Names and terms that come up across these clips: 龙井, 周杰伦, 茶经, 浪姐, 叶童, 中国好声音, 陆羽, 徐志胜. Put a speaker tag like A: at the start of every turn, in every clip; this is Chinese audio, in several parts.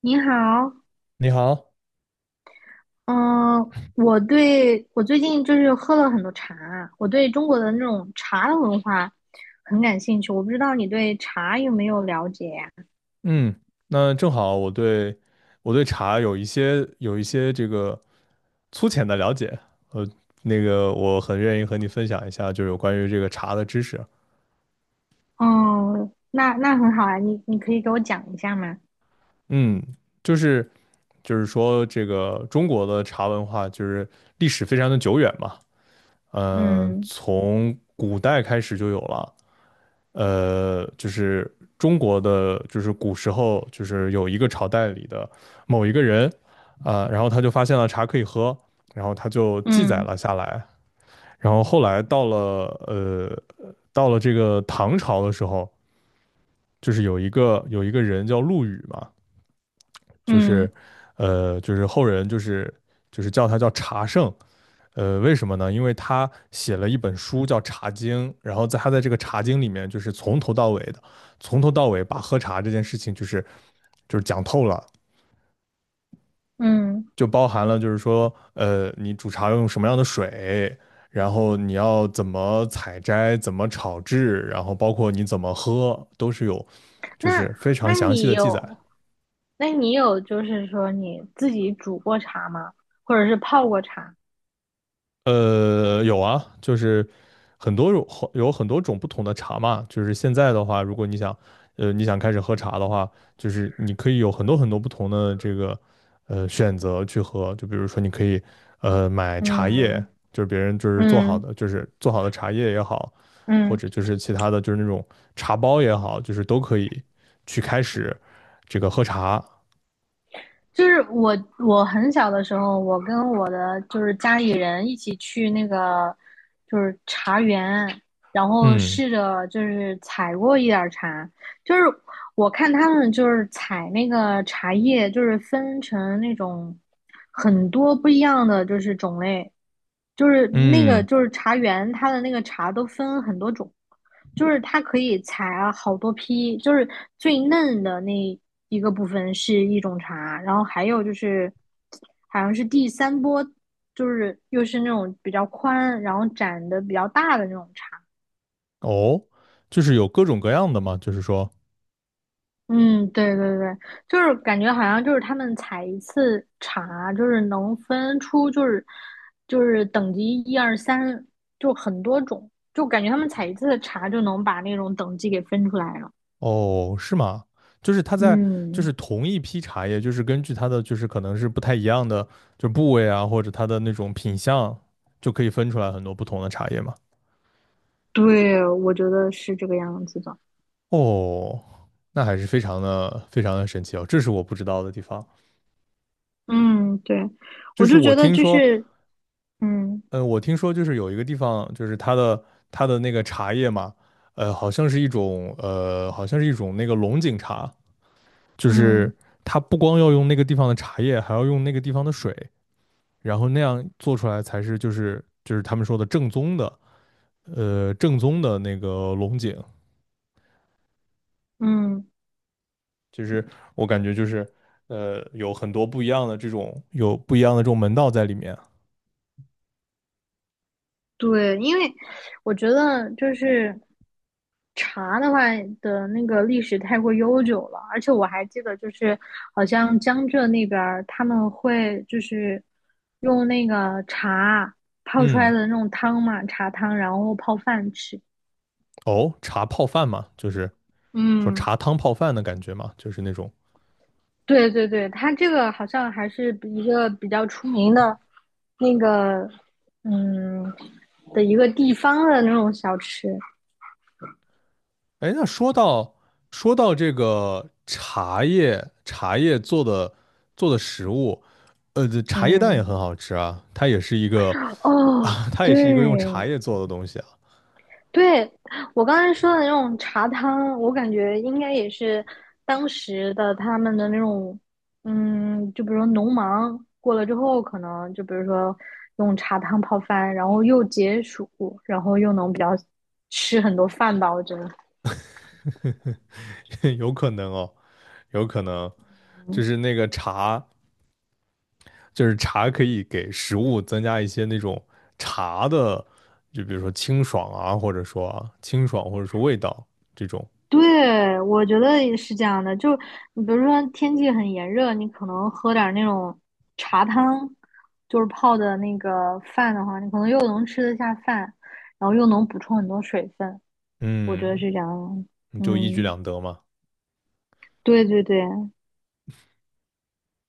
A: 你好，
B: 你好。
A: 嗯，我最近就是喝了很多茶，我对中国的那种茶的文化很感兴趣。我不知道你对茶有没有了解呀？
B: 嗯，那正好我对我对茶有一些有一些这个粗浅的了解。呃，我很愿意和你分享一下，就是有关于这个茶的知识。
A: 哦，那很好啊，你可以给我讲一下吗？
B: 嗯，就是就是说这个中国的茶文化就是历史非常的久远嘛。嗯、
A: 嗯
B: 从古代开始就有了。就是中国的，就是古时候，就是有一个朝代里的某一个人，啊、然后他就发现了茶可以喝，然后他就记载
A: 嗯
B: 了下来。然后后来到了呃，到了这个唐朝的时候，就是有一个人叫陆羽嘛。就
A: 嗯
B: 是后人就是叫他叫茶圣。呃，为什么呢？因为他写了一本书叫《茶经》，然后在这个《茶经》里面，就是从头到尾的，从头到尾把喝茶这件事情，就是讲透了。
A: 嗯，
B: 就包含了就是说，呃，你煮茶要用什么样的水，然后你要怎么采摘，怎么炒制，然后包括你怎么喝，都是有就
A: 那
B: 是非常
A: 那
B: 详细
A: 你
B: 的记载。
A: 有，那你有就是说你自己煮过茶吗？或者是泡过茶？
B: 呃，有啊，就是很多种，有很多种不同的茶嘛。就是现在的话，如果你想，呃，你想开始喝茶的话，就是你可以有很多很多不同的这个，呃，选择去喝。就比如说，你可以，呃，买茶叶，
A: 嗯
B: 就是别人做好
A: 嗯
B: 的，就是做好的茶叶也好，或
A: 嗯
B: 者就是其他的就是那种茶包也好，就是都可以去开始这个喝茶。
A: 就是我很小的时候，我跟我的就是家里人一起去那个就是茶园，然后
B: 嗯
A: 试着就是采过一点儿茶，就是我看他们就是采那个茶叶，就是分成那种很多不一样的就是种类，就是那个
B: 嗯。
A: 就是茶园，它的那个茶都分很多种，就是它可以采啊好多批，就是最嫩的那一个部分是一种茶，然后还有就是好像是第三波，就是又是那种比较宽，然后展的比较大的那种茶。
B: 哦，就是有各种各样的嘛，就是说。
A: 嗯，对对对，就是感觉好像就是他们采一次茶，就是能分出就是等级一二三，就很多种，就感觉他们采一次茶就能把那种等级给分出来了。
B: 哦，是吗？就是它在，就
A: 嗯，
B: 是同一批茶叶，就是根据它的，就是可能是不太一样的，就部位啊，或者它的那种品相，就可以分出来很多不同的茶叶嘛。
A: 对，我觉得是这个样子的。
B: 哦，那还是非常的非常的神奇哦，这是我不知道的地方。
A: 嗯，对，
B: 就
A: 我
B: 是
A: 就
B: 我
A: 觉得
B: 听
A: 就
B: 说，
A: 是，嗯
B: 就是有一个地方，就是它的那个茶叶嘛，呃，好像是一种呃，好像是一种那个龙井茶。就
A: 嗯
B: 是它不光要用那个地方的茶叶，还要用那个地方的水。然后那样做出来才是就是他们说的正宗的正宗的那个龙井。
A: 嗯，
B: 就是我感觉就是呃有很多不一样的有不一样的这种门道在里面。
A: 对，因为我觉得就是。茶的话的那个历史太过悠久了，而且我还记得，就是好像江浙那边儿他们会就是用那个茶泡出来
B: 嗯。
A: 的那种汤嘛，茶汤，然后泡饭吃。
B: 哦，茶泡饭嘛，就是说
A: 嗯，
B: 茶汤泡饭的感觉嘛，就是那种。
A: 对对对，它这个好像还是一个比较出名的，那个嗯的一个地方的那种小吃。
B: 哎，那说到这个茶叶做的做的食物，呃，这茶叶蛋也
A: 嗯，
B: 很好吃啊，它也是一个
A: 哦，
B: 啊，它也
A: 对，
B: 是一个用茶叶做的东西啊。
A: 对，我刚才说的那种茶汤，我感觉应该也是当时的他们的那种，嗯，就比如说农忙过了之后，可能就比如说用茶汤泡饭，然后又解暑，然后又能比较吃很多饭吧，我觉得。
B: 有可能哦，有可能就是那个茶，就是茶可以给食物增加一些那种茶的，就比如说清爽啊，或者说清爽，或者说味道这种。
A: 对，我觉得也是这样的。就你比如说天气很炎热，你可能喝点儿那种茶汤，就是泡的那个饭的话，你可能又能吃得下饭，然后又能补充很多水分。我觉得
B: 嗯，
A: 是这样。
B: 你就一举
A: 嗯，
B: 两得嘛。
A: 对对对。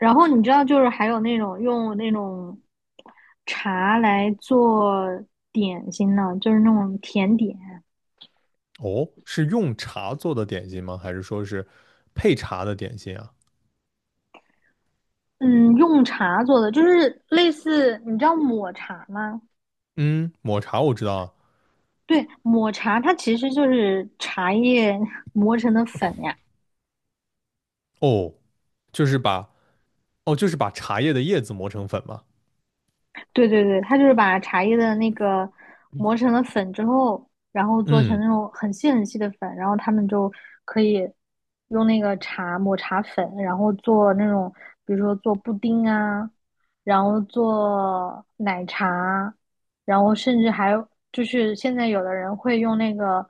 A: 然后你知道，就是还有那种用那种茶来做点心呢，就是那种甜点。
B: 哦，是用茶做的点心吗？还是说是配茶的点心啊？
A: 嗯，用茶做的，就是类似你知道抹茶吗？
B: 嗯，抹茶我知道啊。
A: 对，抹茶它其实就是茶叶 磨成的粉呀。
B: 哦，就是把哦，就是把茶叶的叶子磨成粉嘛。
A: 对对对，它就是把茶叶的那个磨成了粉之后，然后做成
B: 嗯。
A: 那种很细很细的粉，然后他们就可以用那个茶抹茶粉，然后做那种，比如说做布丁啊，然后做奶茶，然后甚至还有就是现在有的人会用那个，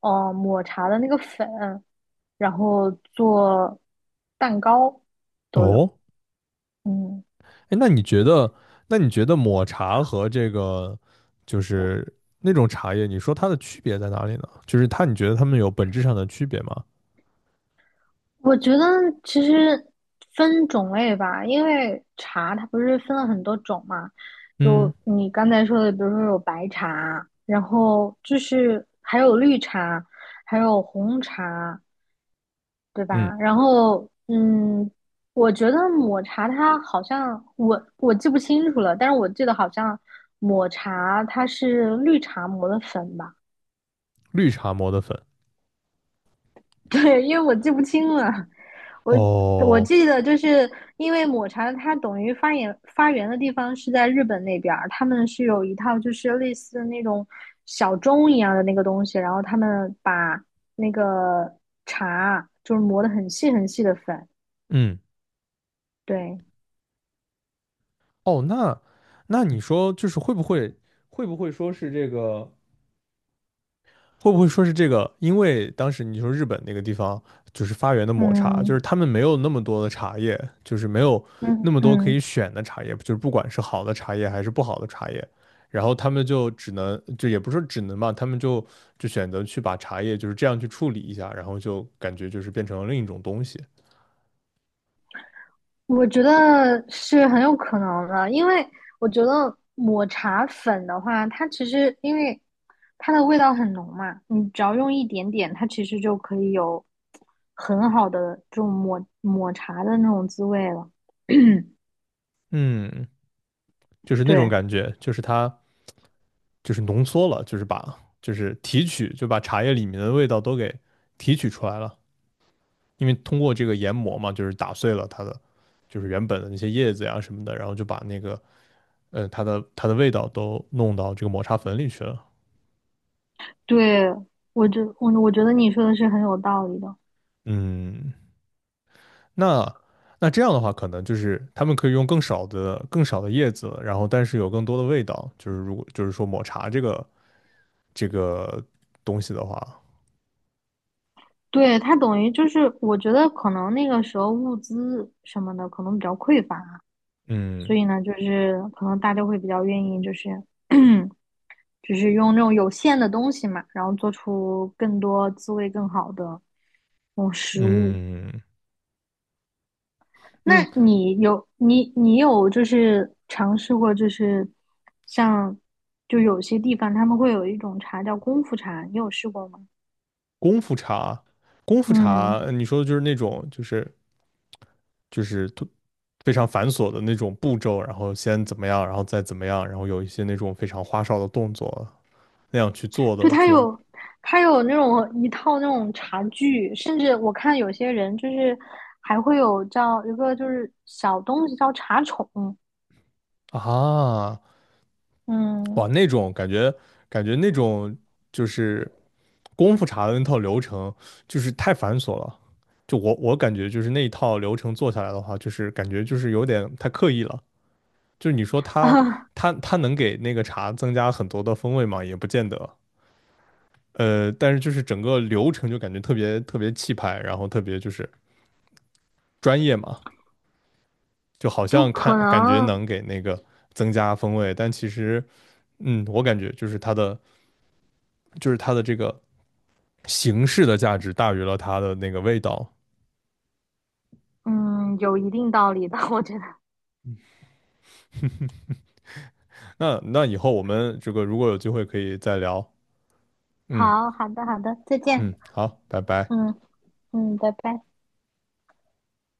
A: 抹茶的那个粉，然后做蛋糕都有，
B: 哦。
A: 嗯。
B: 哎，那你觉得，那你觉得抹茶和这个就是那种茶叶，你说它的区别在哪里呢？就是它，你觉得它们有本质上的区别吗？
A: 我觉得其实分种类吧，因为茶它不是分了很多种嘛，
B: 嗯。
A: 就你刚才说的，比如说有白茶，然后就是还有绿茶，还有红茶，对
B: 嗯。
A: 吧？然后嗯，我觉得抹茶它好像我记不清楚了，但是我记得好像抹茶它是绿茶磨的粉吧。
B: 绿茶磨的粉。
A: 对，因为我记不清了，我我
B: 哦。
A: 记得就是因为抹茶它等于发源的地方是在日本那边儿，他们是有一套就是类似那种小钟一样的那个东西，然后他们把那个茶就是磨得很细很细的粉，
B: 嗯。
A: 对，
B: 哦，那你说就是会不会说是这个会不会说是这个？因为当时你说日本那个地方就是发源的抹茶，就
A: 嗯
B: 是他们没有那么多的茶叶，就是没有那
A: 嗯
B: 么多可以
A: 嗯。
B: 选的茶叶，就是不管是好的茶叶还是不好的茶叶，然后他们就只能就也不是说只能吧，他们就选择去把茶叶就是这样去处理一下，然后就感觉就是变成了另一种东西。
A: 我觉得是很有可能的，因为我觉得抹茶粉的话，它其实因为它的味道很浓嘛，你只要用一点点，它其实就可以有很好的这种抹茶的那种滋味了。嗯
B: 嗯，就是那种
A: 对
B: 感觉，就是它就是浓缩了，就是就是提取就把茶叶里面的味道都给提取出来了。因为通过这个研磨嘛，就是打碎了它的就是原本的那些叶子呀什么的，然后就把那个呃它的味道都弄到这个抹茶粉里去了。
A: 对，我觉得你说的是很有道理的。
B: 嗯，那那这样的话，可能就是他们可以用更少的叶子，然后但是有更多的味道。就是如果就是说抹茶这个这个东西的话，
A: 对，它等于就是，我觉得可能那个时候物资什么的可能比较匮乏，所
B: 嗯
A: 以呢，就是可能大家会比较愿意就是 只是用那种有限的东西嘛，然后做出更多滋味更好的那种食物。
B: 嗯
A: 那
B: 嗯。
A: 你有就是尝试过就是像就有些地方他们会有一种茶叫功夫茶，你有试过吗？
B: 功夫茶，功夫茶，
A: 嗯，
B: 呃你说的就是那种就是就是突非常繁琐的那种步骤，然后先怎么样，然后再怎么样，然后有一些那种非常花哨的动作那样去做的
A: 就
B: 这
A: 它
B: 种
A: 有它有那种一套那种茶具，甚至我看有些人就是还会有叫一个就是小东西叫茶宠，
B: 啊。哇，
A: 嗯，
B: 那种感觉那种就是功夫茶的那套流程就是太繁琐了。就我感觉就是那一套流程做下来的话，就是感觉就是有点太刻意了。就是你说它能给那个茶增加很多的风味吗？也不见得。呃，但是就是整个流程就感觉特别特别气派，然后特别就是专业嘛，就好
A: 就
B: 像看
A: 可
B: 感觉
A: 能
B: 能给那个增加风味，但其实，嗯，我感觉就是就是它的这个形式的价值大于了它的那个味道。
A: 嗯，有一定道理的，我觉得。
B: 那那以后我们这个如果有机会可以再聊。嗯
A: 好，好的，好的，再见。
B: 嗯，好，拜拜。
A: 嗯嗯，拜拜。